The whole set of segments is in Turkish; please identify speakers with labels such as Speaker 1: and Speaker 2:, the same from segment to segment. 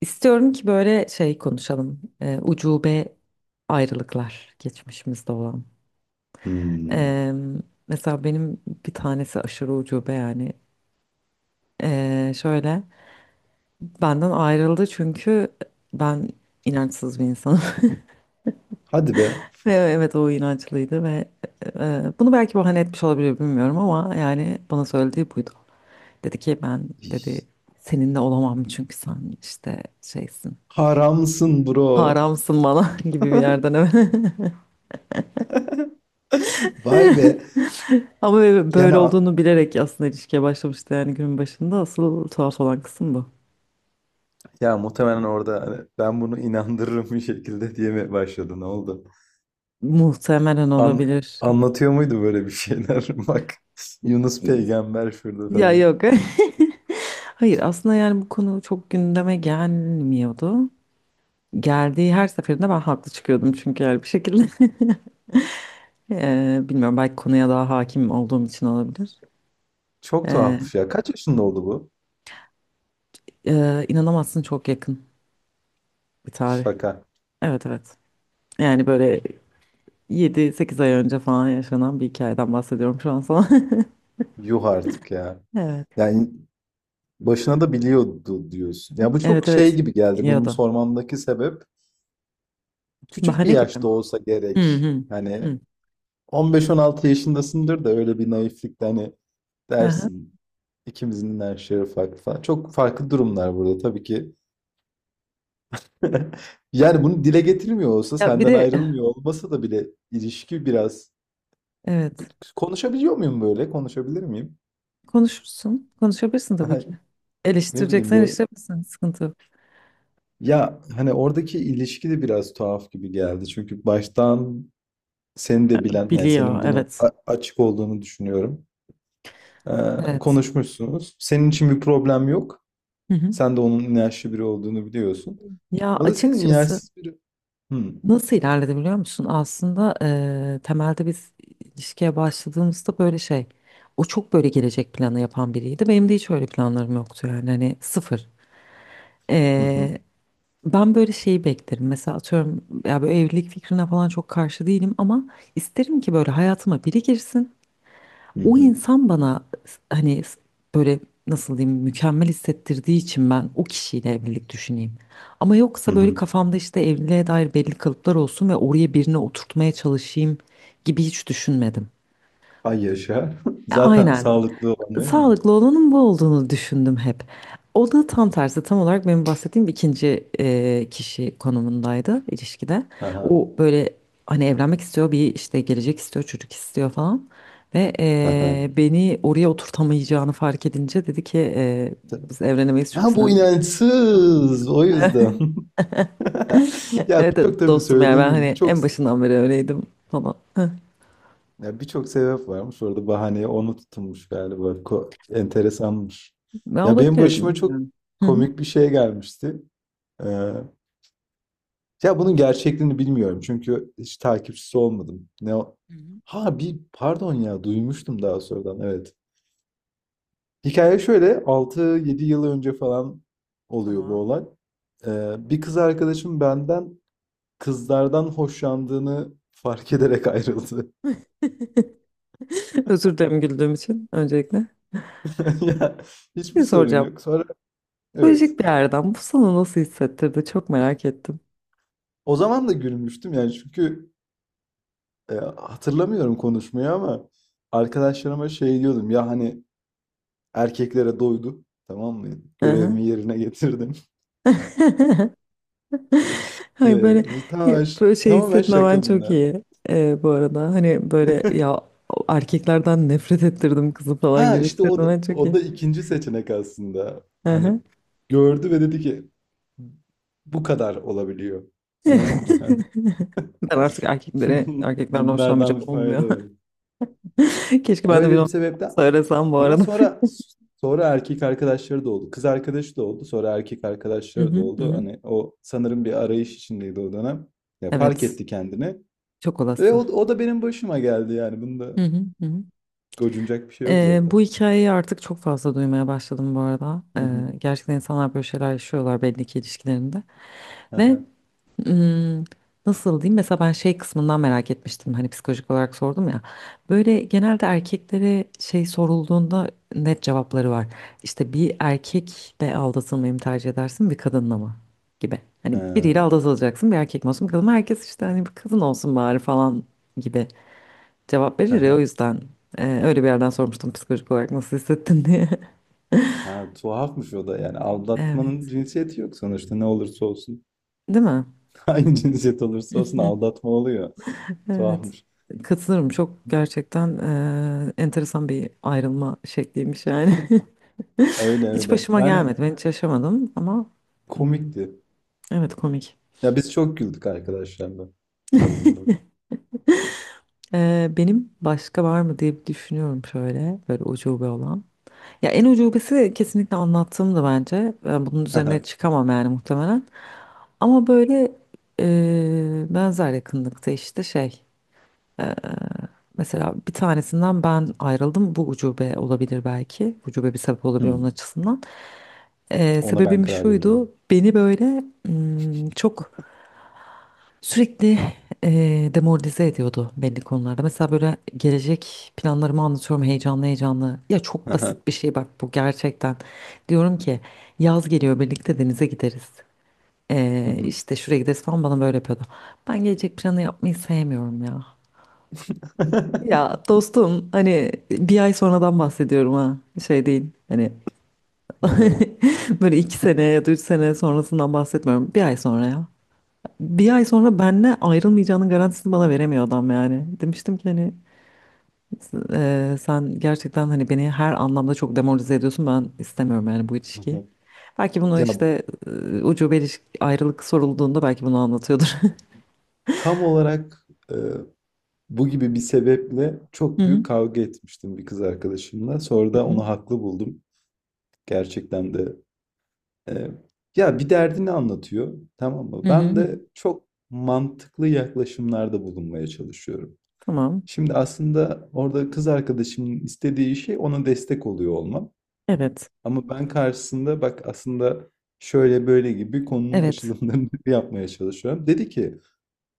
Speaker 1: İstiyorum ki böyle şey konuşalım. Ucube ayrılıklar geçmişimizde olan.
Speaker 2: Hmm,
Speaker 1: Ee, Mesela benim bir tanesi aşırı ucube yani. Şöyle benden ayrıldı çünkü ben inançsız bir insanım.
Speaker 2: hadi be.
Speaker 1: Ve evet o inançlıydı ve bunu belki bahane etmiş olabilir bilmiyorum ama yani bana söylediği buydu. Dedi ki ben dedi seninle olamam çünkü sen işte şeysin.
Speaker 2: Haramsın bro.
Speaker 1: Haramsın bana gibi bir yerden evet.
Speaker 2: Vay be.
Speaker 1: Ama böyle
Speaker 2: Yani a-
Speaker 1: olduğunu bilerek aslında ilişkiye başlamıştı yani günün başında. Asıl tuhaf olan kısım bu.
Speaker 2: ya muhtemelen orada hani ben bunu inandırırım bir şekilde diye mi başladı? Ne oldu?
Speaker 1: Muhtemelen
Speaker 2: An
Speaker 1: olabilir.
Speaker 2: anlatıyor muydu böyle bir şeyler? Bak, Yunus peygamber şurada
Speaker 1: Ya
Speaker 2: falan.
Speaker 1: yok. Hayır aslında yani bu konu çok gündeme gelmiyordu. Geldiği her seferinde ben haklı çıkıyordum çünkü yani bir şekilde. Bilmiyorum belki konuya daha hakim olduğum için olabilir.
Speaker 2: Çok
Speaker 1: Eee,
Speaker 2: tuhafmış ya. Kaç yaşında oldu bu?
Speaker 1: inanamazsın çok yakın bir tarih.
Speaker 2: Şaka.
Speaker 1: Evet, evet. Yani böyle 7-8 ay önce falan yaşanan bir hikayeden bahsediyorum şu an sana.
Speaker 2: Yuh artık ya.
Speaker 1: Evet.
Speaker 2: Yani başına da biliyordu diyorsun. Ya bu çok
Speaker 1: Evet,
Speaker 2: şey
Speaker 1: evet.
Speaker 2: gibi geldi.
Speaker 1: Ya
Speaker 2: Bunun
Speaker 1: da.
Speaker 2: sormamdaki sebep küçük bir
Speaker 1: Bahane gibi
Speaker 2: yaşta
Speaker 1: mi?
Speaker 2: olsa
Speaker 1: Hı
Speaker 2: gerek.
Speaker 1: hı.
Speaker 2: Hani
Speaker 1: Hı.
Speaker 2: 15-16 yaşındasındır da öyle bir naiflikle hani
Speaker 1: Aha.
Speaker 2: dersin, ikimizin yaşları farklı falan. Çok farklı durumlar burada tabii ki. Yani bunu dile getirmiyor olsa,
Speaker 1: Ya bir
Speaker 2: senden
Speaker 1: de
Speaker 2: ayrılmıyor olmasa da bile ilişki biraz.
Speaker 1: evet.
Speaker 2: Konuşabiliyor muyum böyle? Konuşabilir miyim?
Speaker 1: Konuşursun. Konuşabilirsin tabii ki.
Speaker 2: Ne bileyim,
Speaker 1: Eleştireceksen
Speaker 2: yorum.
Speaker 1: eleştirebilirsin. Sıkıntı yok.
Speaker 2: Ya hani oradaki ilişki de biraz tuhaf gibi geldi. Çünkü baştan seni de bilen, yani
Speaker 1: Biliyor.
Speaker 2: senin bunu
Speaker 1: Evet.
Speaker 2: a- açık olduğunu düşünüyorum. Ee,
Speaker 1: Evet.
Speaker 2: Konuşmuşsunuz. Senin için bir problem yok.
Speaker 1: Hı hı.
Speaker 2: Sen de onun inançlı biri olduğunu biliyorsun.
Speaker 1: Ya
Speaker 2: O da senin
Speaker 1: açıkçası
Speaker 2: inançsız biri. Hı.
Speaker 1: nasıl ilerledi biliyor musun? Aslında temelde biz ilişkiye başladığımızda böyle şey. O çok böyle gelecek planı yapan biriydi. Benim de hiç öyle planlarım yoktu yani. Hani sıfır.
Speaker 2: Hı hı.
Speaker 1: E, Ben böyle şeyi beklerim. Mesela atıyorum ya böyle evlilik fikrine falan çok karşı değilim ama isterim ki böyle hayatıma biri girsin.
Speaker 2: Hı
Speaker 1: O
Speaker 2: hı.
Speaker 1: insan bana hani böyle nasıl diyeyim mükemmel hissettirdiği için ben o kişiyle evlilik düşüneyim. Ama
Speaker 2: Hı
Speaker 1: yoksa böyle
Speaker 2: hı.
Speaker 1: kafamda işte evliliğe dair belli kalıplar olsun ve oraya birini oturtmaya çalışayım gibi hiç düşünmedim.
Speaker 2: Ay yaşa. Zaten
Speaker 1: Aynen.
Speaker 2: sağlıklı olan değil mi bu?
Speaker 1: Sağlıklı olanın bu olduğunu düşündüm hep. O da tam tersi, tam olarak benim bahsettiğim ikinci kişi konumundaydı ilişkide.
Speaker 2: Aha.
Speaker 1: O böyle hani evlenmek istiyor, bir işte gelecek istiyor, çocuk istiyor falan. Ve
Speaker 2: Aha.
Speaker 1: beni oraya oturtamayacağını fark edince dedi ki biz evlenemeyiz çünkü
Speaker 2: Ha bu
Speaker 1: sen...
Speaker 2: inançsız. O yüzden. Ya
Speaker 1: Evet,
Speaker 2: birçok,
Speaker 1: evet,
Speaker 2: tabii
Speaker 1: dostum yani
Speaker 2: söylediğin
Speaker 1: ben
Speaker 2: gibi,
Speaker 1: hani
Speaker 2: birçok,
Speaker 1: en başından beri öyleydim falan.
Speaker 2: ya birçok sebep varmış. Orada bahaneye onu tutulmuş galiba. Ko- enteresanmış.
Speaker 1: Ben
Speaker 2: Ya benim
Speaker 1: olabilirim.
Speaker 2: başıma çok
Speaker 1: Bilmiyorum. Hı hı.
Speaker 2: komik bir şey gelmişti. Ya bunun gerçekliğini bilmiyorum çünkü hiç takipçisi olmadım. Ne o-
Speaker 1: Hı hı.
Speaker 2: ha bir pardon, ya duymuştum daha sonradan, evet. Hikaye şöyle, altı yedi yıl önce falan oluyor bu
Speaker 1: Tamam.
Speaker 2: olay. Bir kız arkadaşım benden kızlardan hoşlandığını fark ederek ayrıldı.
Speaker 1: Özür dilerim güldüğüm için öncelikle.
Speaker 2: Ya, hiçbir
Speaker 1: Ne
Speaker 2: sorun
Speaker 1: soracağım?
Speaker 2: yok. Sonra, evet.
Speaker 1: Psikolojik bir yerden. Bu sana nasıl hissettirdi? Çok merak ettim.
Speaker 2: O zaman da gülmüştüm yani, çünkü hatırlamıyorum konuşmayı ama arkadaşlarıma şey diyordum ya, hani erkeklere doydu. Tamam mı?
Speaker 1: Hı hı.
Speaker 2: Görevimi yerine getirdim.
Speaker 1: Ay
Speaker 2: Ye-
Speaker 1: böyle
Speaker 2: bu Tamamen,
Speaker 1: hep
Speaker 2: ş-
Speaker 1: böyle şey
Speaker 2: tamamen
Speaker 1: hissetmemen
Speaker 2: şaka
Speaker 1: çok
Speaker 2: bunlar.
Speaker 1: iyi bu arada. Hani böyle ya erkeklerden nefret ettirdim kızı falan
Speaker 2: Ha
Speaker 1: gibi
Speaker 2: işte o da,
Speaker 1: hissetmemen çok
Speaker 2: o
Speaker 1: iyi.
Speaker 2: da ikinci seçenek aslında.
Speaker 1: Hı
Speaker 2: Hani
Speaker 1: hı.
Speaker 2: gördü ve dedi ki bu kadar olabiliyor. Anladın mı? Hani
Speaker 1: Ben artık erkeklere,
Speaker 2: bun-
Speaker 1: erkeklerden
Speaker 2: Bunlardan
Speaker 1: hoşlanmayacağım
Speaker 2: bir fayda
Speaker 1: olmuyor.
Speaker 2: yok.
Speaker 1: Keşke ben de bir
Speaker 2: Öyle bir
Speaker 1: onu
Speaker 2: sebepten.
Speaker 1: söylesem bu
Speaker 2: Ama
Speaker 1: arada.
Speaker 2: sonra, sonra erkek arkadaşları da oldu. Kız arkadaşı da oldu. Sonra erkek
Speaker 1: Hı
Speaker 2: arkadaşları da
Speaker 1: hı, hı
Speaker 2: oldu.
Speaker 1: hı.
Speaker 2: Hani o sanırım bir arayış içindeydi o dönem. Ya fark
Speaker 1: Evet,
Speaker 2: etti kendini.
Speaker 1: çok
Speaker 2: Ve o,
Speaker 1: olası.
Speaker 2: o da benim başıma geldi yani. Bunda
Speaker 1: Hı hı, hı hı.
Speaker 2: gocunacak bir şey yok
Speaker 1: Bu
Speaker 2: zaten.
Speaker 1: hikayeyi artık çok fazla duymaya başladım bu arada.
Speaker 2: Hı hı.
Speaker 1: Gerçekten insanlar böyle şeyler yaşıyorlar belli ki ilişkilerinde.
Speaker 2: Hı
Speaker 1: Ve
Speaker 2: hı.
Speaker 1: ım, nasıl diyeyim? Mesela ben şey kısmından merak etmiştim. Hani psikolojik olarak sordum ya. Böyle genelde erkeklere şey sorulduğunda net cevapları var. İşte bir erkekle aldatılmayı mı tercih edersin bir kadınla mı? Gibi.
Speaker 2: Ha,
Speaker 1: Hani biriyle aldatılacaksın bir erkek mi olsun bir kadın mı? Herkes işte hani bir kadın olsun bari falan gibi cevap
Speaker 2: hı
Speaker 1: verir ya o
Speaker 2: hı.
Speaker 1: yüzden öyle bir yerden sormuştum psikolojik olarak nasıl hissettin diye.
Speaker 2: Ha, tuhafmış o da yani. Aldatmanın
Speaker 1: Evet.
Speaker 2: cinsiyeti yok sonuçta, ne olursa olsun.
Speaker 1: Değil mi?
Speaker 2: Hangi cinsiyet olursa olsun aldatma oluyor.
Speaker 1: Evet.
Speaker 2: Tuhafmış.
Speaker 1: Katılırım. Çok gerçekten enteresan bir ayrılma şekliymiş yani.
Speaker 2: Öyle
Speaker 1: Hiç
Speaker 2: öyle.
Speaker 1: başıma
Speaker 2: Yani
Speaker 1: gelmedi. Ben hiç yaşamadım ama hmm,
Speaker 2: komikti.
Speaker 1: evet komik.
Speaker 2: Ya biz çok güldük arkadaşlarla. En azından.
Speaker 1: Benim başka var mı diye bir düşünüyorum şöyle böyle ucube olan. Ya en ucubesi kesinlikle anlattığımdı bence. Ben bunun
Speaker 2: Hı
Speaker 1: üzerine
Speaker 2: hı.
Speaker 1: çıkamam yani muhtemelen. Ama böyle benzer yakınlıkta işte şey. Mesela bir tanesinden ben ayrıldım. Bu ucube olabilir belki. Ucube bir sebep olabilir
Speaker 2: Hı.
Speaker 1: onun açısından.
Speaker 2: Ona ben
Speaker 1: Sebebim
Speaker 2: karar veririm.
Speaker 1: şuydu. Beni böyle çok sürekli demoralize ediyordu belli konularda. Mesela böyle gelecek planlarımı anlatıyorum heyecanlı heyecanlı. Ya çok
Speaker 2: Hı
Speaker 1: basit
Speaker 2: hı.
Speaker 1: bir şey bak bu gerçekten. Diyorum ki yaz geliyor birlikte denize gideriz.
Speaker 2: Hı hı.
Speaker 1: İşte şuraya gideriz falan bana böyle yapıyordu. Ben gelecek planı yapmayı sevmiyorum ya. Ya dostum hani bir ay sonradan bahsediyorum ha şey değil hani
Speaker 2: Hı hı.
Speaker 1: böyle 2 sene ya da 3 sene sonrasından bahsetmiyorum bir ay sonra ya. Bir ay sonra benle ayrılmayacağının garantisini bana veremiyor adam yani. Demiştim ki hani sen gerçekten hani beni her anlamda çok demoralize ediyorsun. Ben istemiyorum yani bu
Speaker 2: Hı
Speaker 1: ilişkiyi.
Speaker 2: hı.
Speaker 1: Belki bunu
Speaker 2: Ya
Speaker 1: işte ucube ilişki, ayrılık sorulduğunda belki bunu anlatıyordur.
Speaker 2: tam olarak bu gibi bir sebeple
Speaker 1: Hı
Speaker 2: çok
Speaker 1: hı.
Speaker 2: büyük kavga etmiştim bir kız arkadaşımla. Sonra
Speaker 1: Hı
Speaker 2: da
Speaker 1: hı.
Speaker 2: onu haklı buldum. Gerçekten de, e, ya bir derdini anlatıyor, tamam mı?
Speaker 1: Hı hı.
Speaker 2: Ben
Speaker 1: hı.
Speaker 2: de çok mantıklı yaklaşımlarda bulunmaya çalışıyorum.
Speaker 1: Tamam.
Speaker 2: Şimdi aslında orada kız arkadaşımın istediği şey ona destek oluyor olmam.
Speaker 1: Evet.
Speaker 2: Ama ben karşısında, bak aslında şöyle böyle gibi, konunun
Speaker 1: Evet.
Speaker 2: açılımlarını yapmaya çalışıyorum. Dedi ki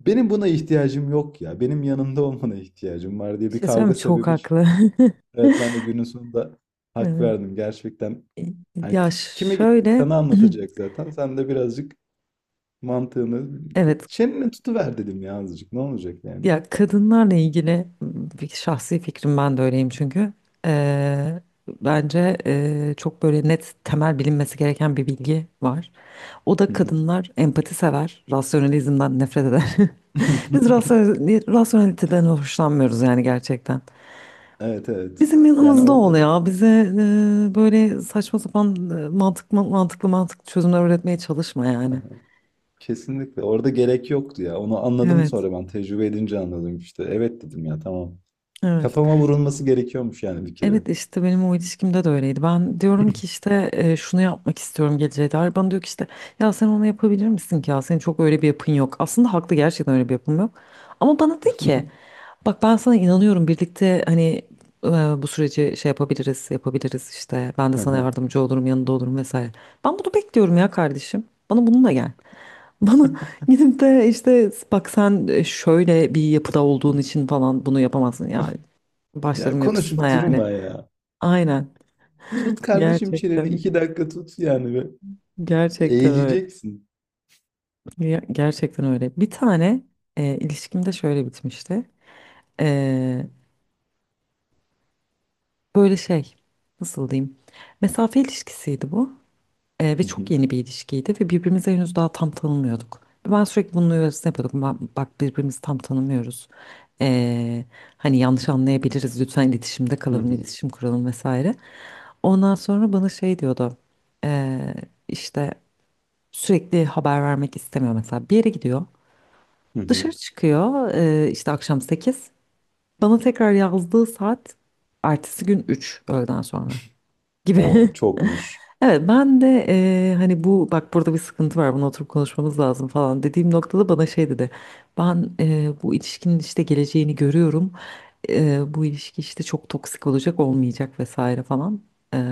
Speaker 2: benim buna ihtiyacım yok ya. Benim yanımda olmana ihtiyacım var, diye
Speaker 1: Bir
Speaker 2: bir
Speaker 1: şey söyleyeyim
Speaker 2: kavga
Speaker 1: mi? Çok
Speaker 2: sebebi çıktı.
Speaker 1: haklı.
Speaker 2: Evet, ben de günün sonunda hak
Speaker 1: Evet.
Speaker 2: verdim. Gerçekten hani
Speaker 1: Ya
Speaker 2: ki- kime gitti?
Speaker 1: şöyle
Speaker 2: Sana anlatacak zaten. Sen de birazcık mantığını,
Speaker 1: evet.
Speaker 2: çeneni tutuver dedim ya, azıcık. Ne olacak yani?
Speaker 1: Ya kadınlarla ilgili bir şahsi fikrim ben de öyleyim çünkü. Ee, Bence çok böyle net temel bilinmesi gereken bir bilgi var. O da kadınlar empati sever, rasyonalizmden nefret eder. Biz rasyoneliteden hoşlanmıyoruz yani gerçekten.
Speaker 2: Evet evet.
Speaker 1: Bizim
Speaker 2: Yani
Speaker 1: yanımızda ol
Speaker 2: orada.
Speaker 1: ya. Bize böyle saçma sapan mantıklı mantıklı çözümler üretmeye çalışma yani.
Speaker 2: Kesinlikle. Orada gerek yoktu ya. Onu anladım
Speaker 1: Evet,
Speaker 2: sonra ben. Tecrübe edince anladım işte. Evet dedim ya, tamam.
Speaker 1: evet.
Speaker 2: Kafama vurulması gerekiyormuş yani bir kere.
Speaker 1: Evet işte benim o ilişkimde de öyleydi. Ben diyorum ki işte şunu yapmak istiyorum geleceğe dair. Bana diyor ki işte ya sen onu yapabilir misin ki ya senin çok öyle bir yapın yok. Aslında haklı gerçekten öyle bir yapım yok. Ama bana de ki bak ben sana inanıyorum birlikte hani e, bu süreci şey yapabiliriz işte ben de sana yardımcı olurum yanında olurum vesaire. Ben bunu bekliyorum ya kardeşim bana bununla gel. Bana gidip de işte bak sen şöyle bir yapıda olduğun için falan bunu yapamazsın yani
Speaker 2: Ya
Speaker 1: başlarım yapısına
Speaker 2: konuşup
Speaker 1: yani.
Speaker 2: durma ya.
Speaker 1: Aynen.
Speaker 2: Tut kardeşim çeneni.
Speaker 1: Gerçekten.
Speaker 2: İki dakika tut yani ve
Speaker 1: Gerçekten öyle.
Speaker 2: eğileceksin.
Speaker 1: Gerçekten öyle. Bir tane ilişkim de şöyle bitmişti. E, Böyle şey nasıl diyeyim? Mesafe ilişkisiydi bu. Ve
Speaker 2: Hı
Speaker 1: çok
Speaker 2: hı,
Speaker 1: yeni bir ilişkiydi ve birbirimizi henüz daha tam tanımıyorduk. Ben sürekli bunun uyarısını yapıyordum. Bak birbirimizi tam tanımıyoruz. E, Hani yanlış anlayabiliriz. Lütfen iletişimde
Speaker 2: hı
Speaker 1: kalalım,
Speaker 2: hı,
Speaker 1: iletişim kuralım vesaire. Ondan sonra bana şey diyordu. E, işte sürekli haber vermek istemiyor mesela. Bir yere gidiyor.
Speaker 2: hı hı.
Speaker 1: Dışarı çıkıyor işte akşam 8. Bana tekrar yazdığı saat ertesi gün 3 öğleden sonra
Speaker 2: O
Speaker 1: gibi.
Speaker 2: çokmuş.
Speaker 1: Evet ben de hani bu bak burada bir sıkıntı var bunu oturup konuşmamız lazım falan dediğim noktada bana şey dedi. Ben bu ilişkinin işte geleceğini görüyorum. Bu ilişki işte çok toksik olacak olmayacak vesaire falan.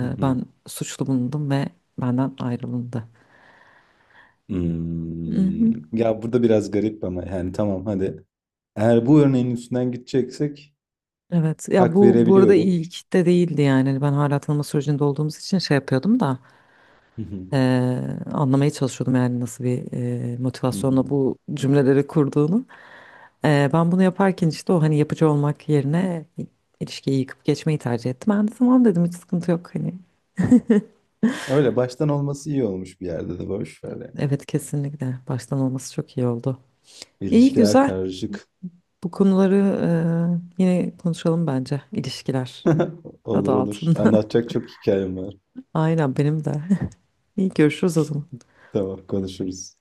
Speaker 2: Hı hı.
Speaker 1: Ben suçlu bulundum ve benden ayrılındı.
Speaker 2: Hmm.
Speaker 1: Mhm.
Speaker 2: Ya burada biraz garip ama yani tamam, hadi. Eğer bu örneğin üstünden gideceksek
Speaker 1: Evet ya
Speaker 2: hak
Speaker 1: bu bu arada
Speaker 2: verebiliyorum.
Speaker 1: ilk de değildi yani. Hani ben hala tanıma sürecinde olduğumuz için şey yapıyordum da
Speaker 2: Hı hı,
Speaker 1: anlamaya çalışıyordum yani nasıl bir
Speaker 2: hı
Speaker 1: motivasyonla
Speaker 2: hı.
Speaker 1: bu cümleleri kurduğunu. Ben bunu yaparken işte o hani yapıcı olmak yerine ilişkiyi yıkıp geçmeyi tercih ettim. Ben de tamam dedim hiç sıkıntı yok hani.
Speaker 2: Öyle baştan olması iyi olmuş, bir yerde de boş ver yani.
Speaker 1: Evet kesinlikle baştan olması çok iyi oldu. İyi
Speaker 2: İlişkiler
Speaker 1: güzel
Speaker 2: karışık.
Speaker 1: bu konuları yine konuşalım bence ilişkiler adı
Speaker 2: Olur olur.
Speaker 1: altında.
Speaker 2: Anlatacak çok hikayem var.
Speaker 1: Aynen benim de. İyi görüşürüz o zaman.
Speaker 2: Tamam, konuşuruz.